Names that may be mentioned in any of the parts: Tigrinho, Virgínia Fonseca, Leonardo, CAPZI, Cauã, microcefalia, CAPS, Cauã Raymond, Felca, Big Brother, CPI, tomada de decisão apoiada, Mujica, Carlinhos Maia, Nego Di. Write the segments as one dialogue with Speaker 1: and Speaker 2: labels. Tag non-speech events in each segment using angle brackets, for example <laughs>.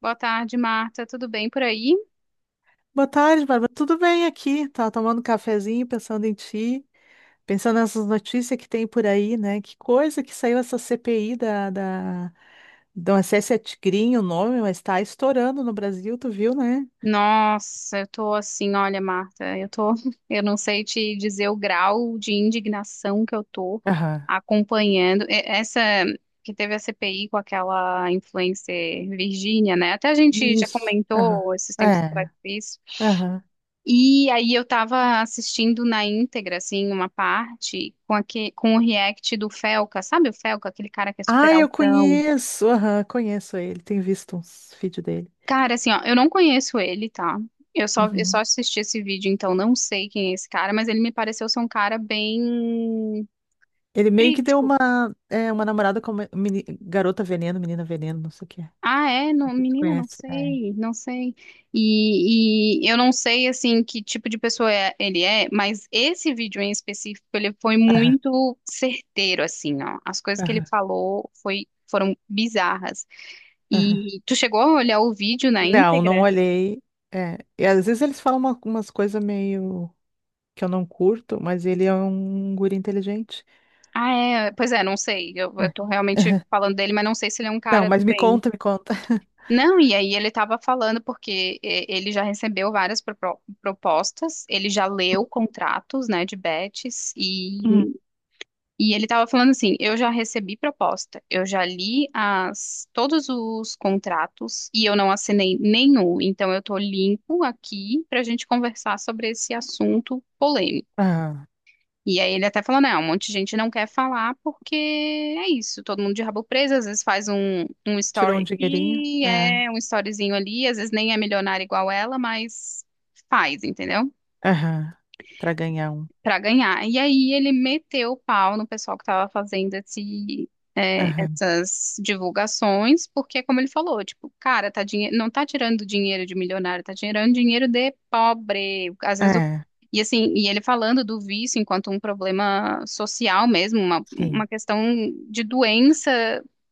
Speaker 1: Boa tarde, Marta. Tudo bem por aí?
Speaker 2: Boa tarde, Bárbara. Tudo bem aqui? Tava tomando um cafezinho, pensando em ti, pensando nessas notícias que tem por aí, né? Que coisa que saiu essa CPI da do acesso a Tigrinho, o nome, mas tá estourando no Brasil, tu viu, né?
Speaker 1: Nossa, eu tô assim, olha, Marta, eu tô, <laughs> eu não sei te dizer o grau de indignação que eu tô
Speaker 2: Aham.
Speaker 1: acompanhando. Essa que teve a CPI com aquela influencer Virgínia, né? Até a gente já
Speaker 2: Isso. Aham.
Speaker 1: comentou esses tempos atrás
Speaker 2: É.
Speaker 1: isso.
Speaker 2: Aham.
Speaker 1: E aí eu tava assistindo na íntegra, assim, uma parte com o react do Felca, sabe o Felca, aquele cara que é super
Speaker 2: Ah, eu
Speaker 1: altão?
Speaker 2: conheço. Aham, conheço ele. Tenho visto uns vídeos dele.
Speaker 1: Cara, assim, ó, eu não conheço ele, tá? Eu só
Speaker 2: Uhum.
Speaker 1: assisti esse vídeo, então não sei quem é esse cara, mas ele me pareceu ser um cara bem
Speaker 2: Ele meio que deu
Speaker 1: crítico.
Speaker 2: uma, é, uma namorada como garota veneno, menina veneno, não sei o que é.
Speaker 1: Ah, é?
Speaker 2: Não
Speaker 1: Não,
Speaker 2: sei se tu
Speaker 1: menina, não
Speaker 2: conhece? É.
Speaker 1: sei, não sei. E eu não sei, assim, que tipo de pessoa é- ele é, mas esse vídeo em específico, ele foi
Speaker 2: Aham,
Speaker 1: muito certeiro, assim, ó. As coisas que ele
Speaker 2: aham,
Speaker 1: falou foram bizarras.
Speaker 2: aham.
Speaker 1: E tu chegou a olhar o vídeo na
Speaker 2: Não, não
Speaker 1: íntegra?
Speaker 2: olhei. É, e às vezes eles falam umas coisas meio que eu não curto, mas ele é um guri inteligente.
Speaker 1: Ah, é. Pois é, não sei. Eu,
Speaker 2: É.
Speaker 1: eu tô realmente
Speaker 2: Aham.
Speaker 1: falando dele, mas não sei se ele é um
Speaker 2: Não,
Speaker 1: cara do
Speaker 2: mas me
Speaker 1: bem.
Speaker 2: conta, me conta.
Speaker 1: Não, e aí ele estava falando porque e- ele já recebeu várias propostas, ele já leu contratos, né, de bets, e,
Speaker 2: Hum.
Speaker 1: e ele estava falando assim, eu já recebi proposta, eu já li todos os contratos e eu não assinei nenhum, então eu tô limpo aqui para a gente conversar sobre esse assunto polêmico.
Speaker 2: Aham.
Speaker 1: E aí ele até falou, né um monte de gente não quer falar porque é isso, todo mundo de rabo preso, às vezes faz um
Speaker 2: Tirou um
Speaker 1: story
Speaker 2: dinheirinho?
Speaker 1: aqui,
Speaker 2: É.
Speaker 1: é um storyzinho ali, às vezes nem é milionária igual ela, mas faz, entendeu?
Speaker 2: Aham. Pra ganhar um.
Speaker 1: Para ganhar. E aí ele meteu o pau no pessoal que estava fazendo
Speaker 2: Aham.
Speaker 1: essas divulgações, porque, como ele falou, tipo, cara, não tá tirando dinheiro de milionário, tá tirando dinheiro de pobre. Às vezes o...
Speaker 2: É,
Speaker 1: E assim, e ele falando do vício enquanto um problema social mesmo, uma
Speaker 2: sim.
Speaker 1: questão de doença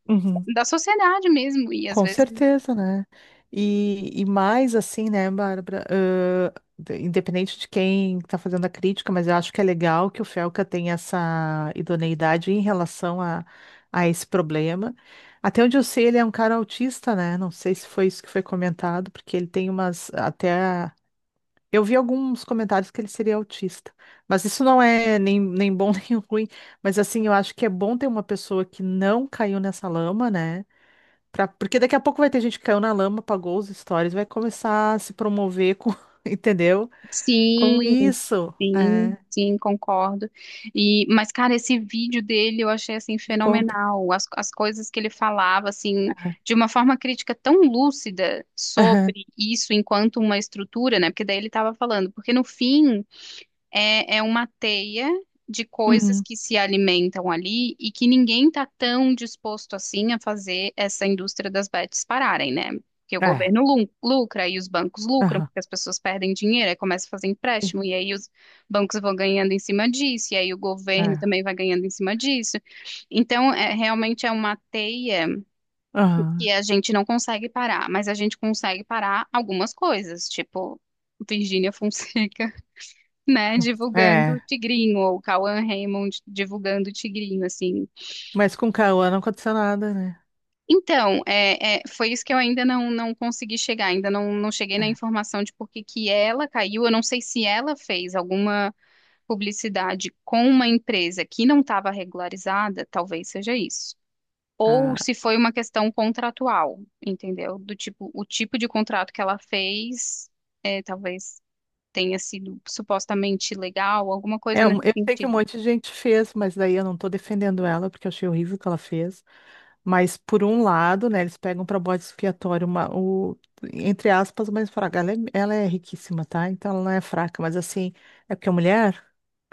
Speaker 2: Uhum.
Speaker 1: da sociedade mesmo. E às
Speaker 2: Com
Speaker 1: vezes
Speaker 2: certeza, né? E mais assim, né, Bárbara? De- independente de quem está fazendo a crítica, mas eu acho que é legal que o Felca tenha essa idoneidade em relação a esse problema. Até onde eu sei, ele é um cara autista, né? Não sei se foi isso que foi comentado, porque ele tem umas até. Eu vi alguns comentários que ele seria autista, mas isso não é nem, nem bom <laughs> nem ruim. Mas assim, eu acho que é bom ter uma pessoa que não caiu nessa lama, né? Pra- Porque daqui a pouco vai ter gente que caiu na lama, apagou os stories, vai começar a se promover com, <laughs> entendeu? Com
Speaker 1: sim,
Speaker 2: isso.
Speaker 1: sim,
Speaker 2: É,
Speaker 1: sim, concordo. E, mas, cara, esse vídeo dele eu achei assim
Speaker 2: me conta.
Speaker 1: fenomenal. As coisas que ele falava, assim,
Speaker 2: Aham.
Speaker 1: de uma forma crítica tão lúcida
Speaker 2: Aham.
Speaker 1: sobre isso enquanto uma estrutura, né? Porque daí ele estava falando, porque no fim é uma teia de coisas
Speaker 2: Uhum.
Speaker 1: que se alimentam ali e que ninguém está tão disposto assim a fazer essa indústria das bets pararem, né? Porque o
Speaker 2: É.
Speaker 1: governo lucra e os bancos lucram,
Speaker 2: Aham.
Speaker 1: porque as pessoas perdem dinheiro, aí começa a fazer
Speaker 2: Sim.
Speaker 1: empréstimo, e aí os bancos vão ganhando em cima disso, e aí o governo
Speaker 2: É.
Speaker 1: também vai ganhando em cima disso. Então, é, realmente é uma teia que
Speaker 2: Aham.
Speaker 1: a gente não consegue parar, mas a gente consegue parar algumas coisas, tipo Virgínia Fonseca, né, divulgando o
Speaker 2: É.
Speaker 1: Tigrinho, ou Cauã Raymond divulgando o Tigrinho, assim.
Speaker 2: Mas com Cauã não aconteceu nada, né?
Speaker 1: Então, foi isso que eu ainda não consegui chegar, ainda não cheguei
Speaker 2: É.
Speaker 1: na informação de por que que ela caiu. Eu não sei se ela fez alguma publicidade com uma empresa que não estava regularizada, talvez seja isso. Ou
Speaker 2: Ah.
Speaker 1: se foi uma questão contratual, entendeu? Do tipo, o tipo de contrato que ela fez, é, talvez tenha sido supostamente legal, alguma coisa
Speaker 2: É, um-
Speaker 1: nesse
Speaker 2: eu sei que um
Speaker 1: sentido.
Speaker 2: monte de gente fez, mas daí eu não tô defendendo ela, porque eu achei horrível o que ela fez. Mas, por um lado, né, eles pegam para bode expiatório uma, o, entre aspas, mas fraca. Ela é riquíssima, tá? Então ela não é fraca, mas assim, é porque é mulher?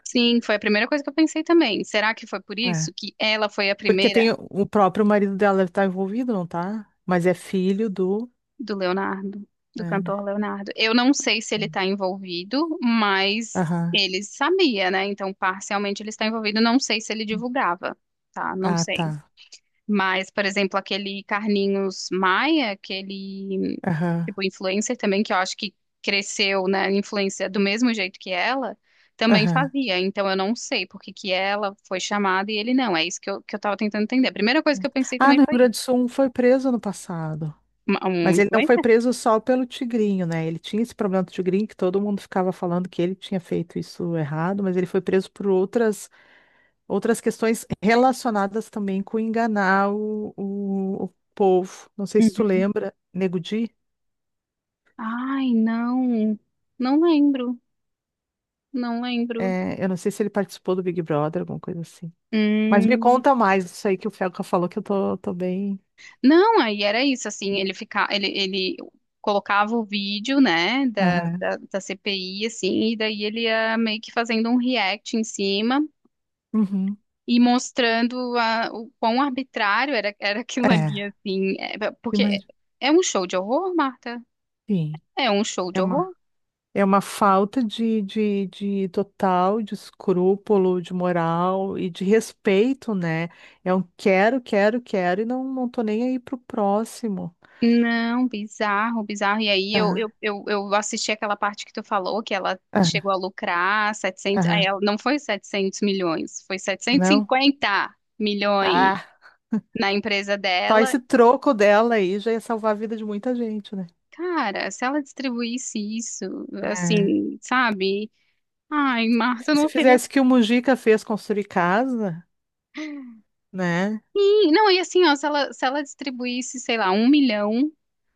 Speaker 1: Sim, foi a primeira coisa que eu pensei também. Será que foi por
Speaker 2: É.
Speaker 1: isso que ela foi a
Speaker 2: Porque
Speaker 1: primeira
Speaker 2: tem o próprio marido dela deve estar envolvido, não tá? Mas é filho do.
Speaker 1: do Leonardo, do
Speaker 2: É, né?
Speaker 1: cantor Leonardo? Eu não sei se ele está envolvido, mas
Speaker 2: Aham.
Speaker 1: ele sabia, né? Então, parcialmente ele está envolvido. Não sei se ele divulgava, tá? Não
Speaker 2: Ah, tá.
Speaker 1: sei. Mas, por exemplo, aquele Carlinhos Maia, aquele
Speaker 2: Aham.
Speaker 1: tipo influencer também, que eu acho que cresceu na influência do mesmo jeito que ela, também
Speaker 2: Aham.
Speaker 1: fazia. Então eu não sei por que que ela foi chamada e ele não. É isso que eu tava tentando entender. A primeira coisa que eu pensei
Speaker 2: Ah,
Speaker 1: também
Speaker 2: no Rio
Speaker 1: foi
Speaker 2: Grande
Speaker 1: isso.
Speaker 2: do Sul um foi preso no passado.
Speaker 1: Um
Speaker 2: Mas ele não foi
Speaker 1: influencer?
Speaker 2: preso só pelo tigrinho, né? Ele tinha esse problema do tigrinho que todo mundo ficava falando que ele tinha feito isso errado, mas ele foi preso por outras outras questões relacionadas também com enganar o povo. Não sei se tu
Speaker 1: Uhum.
Speaker 2: lembra, Nego Di,
Speaker 1: Ai, não. Não lembro. Não lembro.
Speaker 2: é, eu não sei se ele participou do Big Brother, alguma coisa assim. Mas me
Speaker 1: Hum.
Speaker 2: conta mais isso aí que o Felca falou, que eu tô, tô bem.
Speaker 1: Não, aí era isso, assim, ele colocava o vídeo, né, da,
Speaker 2: Aham.
Speaker 1: da, da CPI, assim, e daí ele ia meio que fazendo um react em cima
Speaker 2: Uhum.
Speaker 1: e mostrando a, o quão arbitrário era aquilo ali,
Speaker 2: É,
Speaker 1: assim. É, porque
Speaker 2: mas
Speaker 1: é um show de horror, Marta?
Speaker 2: enfim,
Speaker 1: É um show
Speaker 2: é
Speaker 1: de
Speaker 2: uma,
Speaker 1: horror?
Speaker 2: é uma falta de total, de escrúpulo, de moral e de respeito, né? É um quero, quero, quero e não, não tô nem aí pro próximo.
Speaker 1: Não, bizarro, bizarro. E aí eu, eu,
Speaker 2: Tá.
Speaker 1: eu, eu assisti aquela parte que tu falou, que ela
Speaker 2: Aham,
Speaker 1: chegou a lucrar 700.
Speaker 2: aham.
Speaker 1: Não foi 700 milhões, foi setecentos e
Speaker 2: Não.
Speaker 1: cinquenta milhões.
Speaker 2: Ah,
Speaker 1: na empresa
Speaker 2: só
Speaker 1: dela.
Speaker 2: esse troco dela aí já ia salvar a vida de muita gente, né?
Speaker 1: Cara, se ela distribuísse isso,
Speaker 2: É.
Speaker 1: assim, sabe? Ai, Marta,
Speaker 2: Se
Speaker 1: não seria
Speaker 2: fizesse o que o Mujica fez construir casa, né?
Speaker 1: assim. Não, e assim, ó, se ela distribuísse, sei lá, um milhão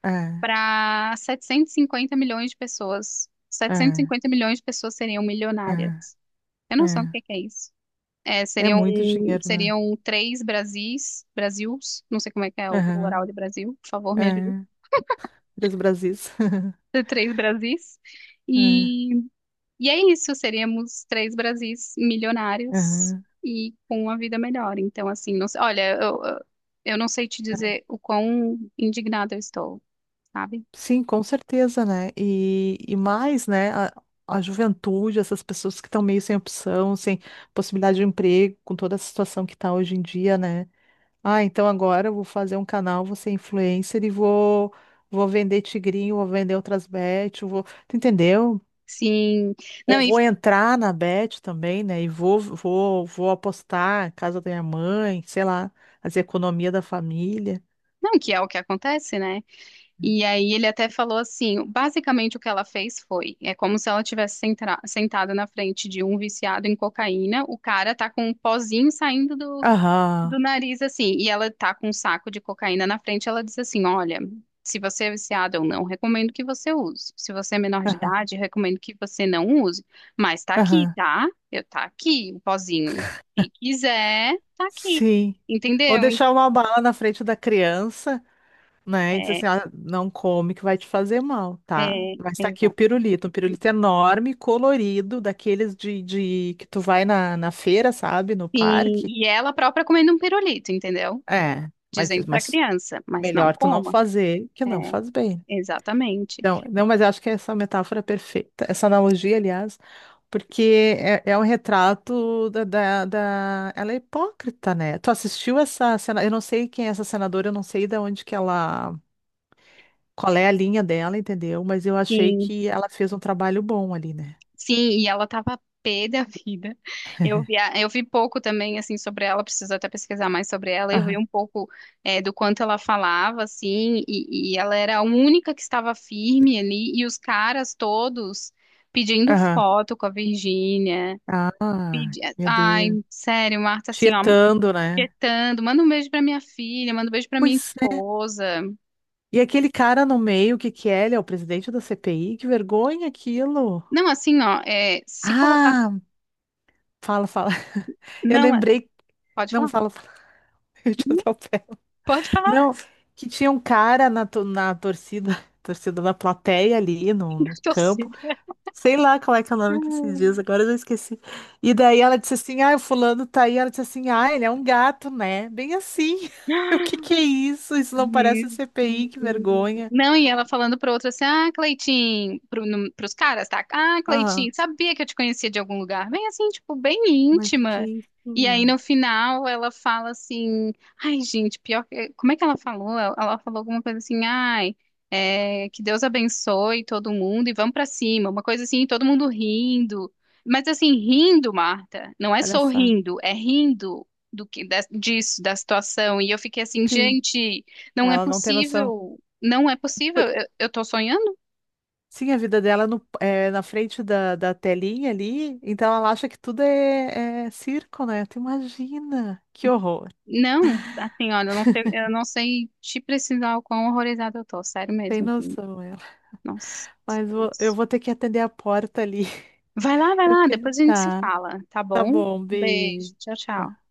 Speaker 2: É,
Speaker 1: para 750 milhões de pessoas, setecentos e
Speaker 2: é,
Speaker 1: cinquenta milhões de pessoas seriam
Speaker 2: é,
Speaker 1: milionárias. Eu não sei o
Speaker 2: é.
Speaker 1: que que é isso. É,
Speaker 2: É
Speaker 1: seriam,
Speaker 2: muito dinheiro, né?
Speaker 1: seriam três Brasis, Brasils, não sei como é que é o plural
Speaker 2: Aham,
Speaker 1: de Brasil, por favor, me ajude.
Speaker 2: é. Três Brasis. <laughs>
Speaker 1: Três Brasis.
Speaker 2: É,
Speaker 1: E E é isso, seríamos três Brasis milionários
Speaker 2: aham.
Speaker 1: e com uma vida melhor. Então, assim, não sei, olha, eu não sei te dizer o quão indignada eu estou, sabe?
Speaker 2: Sim, com certeza, né? E mais, né? A juventude, essas pessoas que estão meio sem opção, sem possibilidade de emprego, com toda a situação que está hoje em dia, né? Ah, então agora eu vou fazer um canal, vou ser influencer e vou, vou vender tigrinho, vou vender outras bet, eu vou, tu entendeu?
Speaker 1: Sim,
Speaker 2: Ou
Speaker 1: não, e
Speaker 2: vou entrar na bet também, né? E vou, vou, vou apostar, casa da minha mãe, sei lá, as economias da família.
Speaker 1: não, que é o que acontece, né? E aí ele até falou assim, basicamente o que ela fez foi, é como se ela tivesse sentra- sentada na frente de um viciado em cocaína, o cara tá com um pozinho saindo do
Speaker 2: Aham,
Speaker 1: do nariz assim, e ela tá com um saco de cocaína na frente, ela diz assim: "Olha, se você é viciado ou não, recomendo que você use. Se você é menor de
Speaker 2: aham,
Speaker 1: idade, recomendo que você não use, mas tá aqui,
Speaker 2: aham.
Speaker 1: tá? Eu tá aqui, o pozinho. Se quiser, tá aqui."
Speaker 2: Sim. Ou
Speaker 1: Entendeu?
Speaker 2: deixar uma bala na frente da criança. Né? E diz
Speaker 1: É,
Speaker 2: assim, ah, não come que vai te fazer mal, tá? Mas tá aqui o
Speaker 1: Exato.
Speaker 2: pirulito, um pirulito enorme, colorido, daqueles de que tu vai na, na feira, sabe? No
Speaker 1: Sim,
Speaker 2: parque.
Speaker 1: e ela própria comendo um pirulito, entendeu?
Speaker 2: É,
Speaker 1: Dizendo pra
Speaker 2: mas
Speaker 1: criança, mas não
Speaker 2: melhor tu não
Speaker 1: coma.
Speaker 2: fazer que
Speaker 1: É,
Speaker 2: não faz bem.
Speaker 1: exatamente.
Speaker 2: Então, não, mas eu acho que essa metáfora é perfeita, essa analogia, aliás, porque é, é um retrato da Ela é hipócrita, né? Tu assistiu essa cena? Eu não sei quem é essa senadora, eu não sei de onde que ela. Qual é a linha dela, entendeu? Mas eu achei
Speaker 1: Sim.
Speaker 2: que ela fez um trabalho bom ali, né?
Speaker 1: Sim, e ela tava pé da vida. Eu vi pouco também, assim, sobre ela, preciso até pesquisar mais sobre ela. Eu vi
Speaker 2: Aham,
Speaker 1: um pouco, eh, do quanto ela falava, assim, e ela era a única que estava firme ali, e os caras todos pedindo
Speaker 2: aham.
Speaker 1: foto com a Virgínia.
Speaker 2: Ah,
Speaker 1: Pedi...
Speaker 2: meu
Speaker 1: Ai,
Speaker 2: Deus.
Speaker 1: sério, Marta, assim, ó,
Speaker 2: Tietando, né?
Speaker 1: petando, manda um beijo pra minha filha, manda um beijo pra minha
Speaker 2: Pois é.
Speaker 1: esposa.
Speaker 2: E aquele cara no meio, o que que é? Ele é o presidente da CPI? Que vergonha aquilo.
Speaker 1: Não, assim, ó, é, se colocar.
Speaker 2: Ah, fala, fala. <laughs> Eu
Speaker 1: Não,
Speaker 2: lembrei.
Speaker 1: pode
Speaker 2: Não,
Speaker 1: falar?
Speaker 2: fala, fala. <laughs> Eu te
Speaker 1: Não,
Speaker 2: atropelo.
Speaker 1: pode falar,
Speaker 2: Não, que tinha um cara na, na torcida, <laughs> torcida da plateia ali no
Speaker 1: <laughs>
Speaker 2: campo.
Speaker 1: torcida.
Speaker 2: Sei lá qual é que é o nome que se diz, agora eu já esqueci. E daí ela disse assim: ah, o fulano tá aí. Ela disse assim: ah, ele é um gato, né? Bem assim. <laughs> O que que é isso? Isso não parece
Speaker 1: Jesus.
Speaker 2: CPI, que vergonha.
Speaker 1: Não, e ela falando para outro assim, ah, Cleitinho, pro, no, pros caras, tá? Ah, Cleitinho,
Speaker 2: Aham,
Speaker 1: sabia que eu te conhecia de algum lugar? Bem assim, tipo, bem
Speaker 2: mas
Speaker 1: íntima.
Speaker 2: que
Speaker 1: E aí no
Speaker 2: isso?
Speaker 1: final ela fala assim, ai, gente, pior que. Como é que ela falou? Ela falou alguma coisa assim, ai, é, que Deus abençoe todo mundo e vamos pra cima. Uma coisa assim, todo mundo rindo. Mas assim, rindo, Marta, não é
Speaker 2: Palhaçada.
Speaker 1: sorrindo, é rindo do que da- disso, da situação. E eu fiquei assim,
Speaker 2: Sim,
Speaker 1: gente. Não é
Speaker 2: ela não tem noção.
Speaker 1: possível, não é possível.
Speaker 2: Por-
Speaker 1: Eu tô sonhando?
Speaker 2: Sim, a vida dela é na frente da, da telinha ali, então ela acha que tudo é, é circo, né? Tu imagina, que horror.
Speaker 1: Não, assim, olha, eu não sei te precisar o quão horrorizada eu tô, sério
Speaker 2: Tem
Speaker 1: mesmo, assim.
Speaker 2: noção ela.
Speaker 1: Nossa,
Speaker 2: Mas vou- eu
Speaker 1: Deus.
Speaker 2: vou ter que atender a porta ali. <laughs>
Speaker 1: Vai lá, vai
Speaker 2: Eu
Speaker 1: lá,
Speaker 2: quero.
Speaker 1: depois a gente se
Speaker 2: Tá.
Speaker 1: fala, tá
Speaker 2: Tá
Speaker 1: bom?
Speaker 2: bom,
Speaker 1: Beijo,
Speaker 2: Bi.
Speaker 1: tchau, tchau.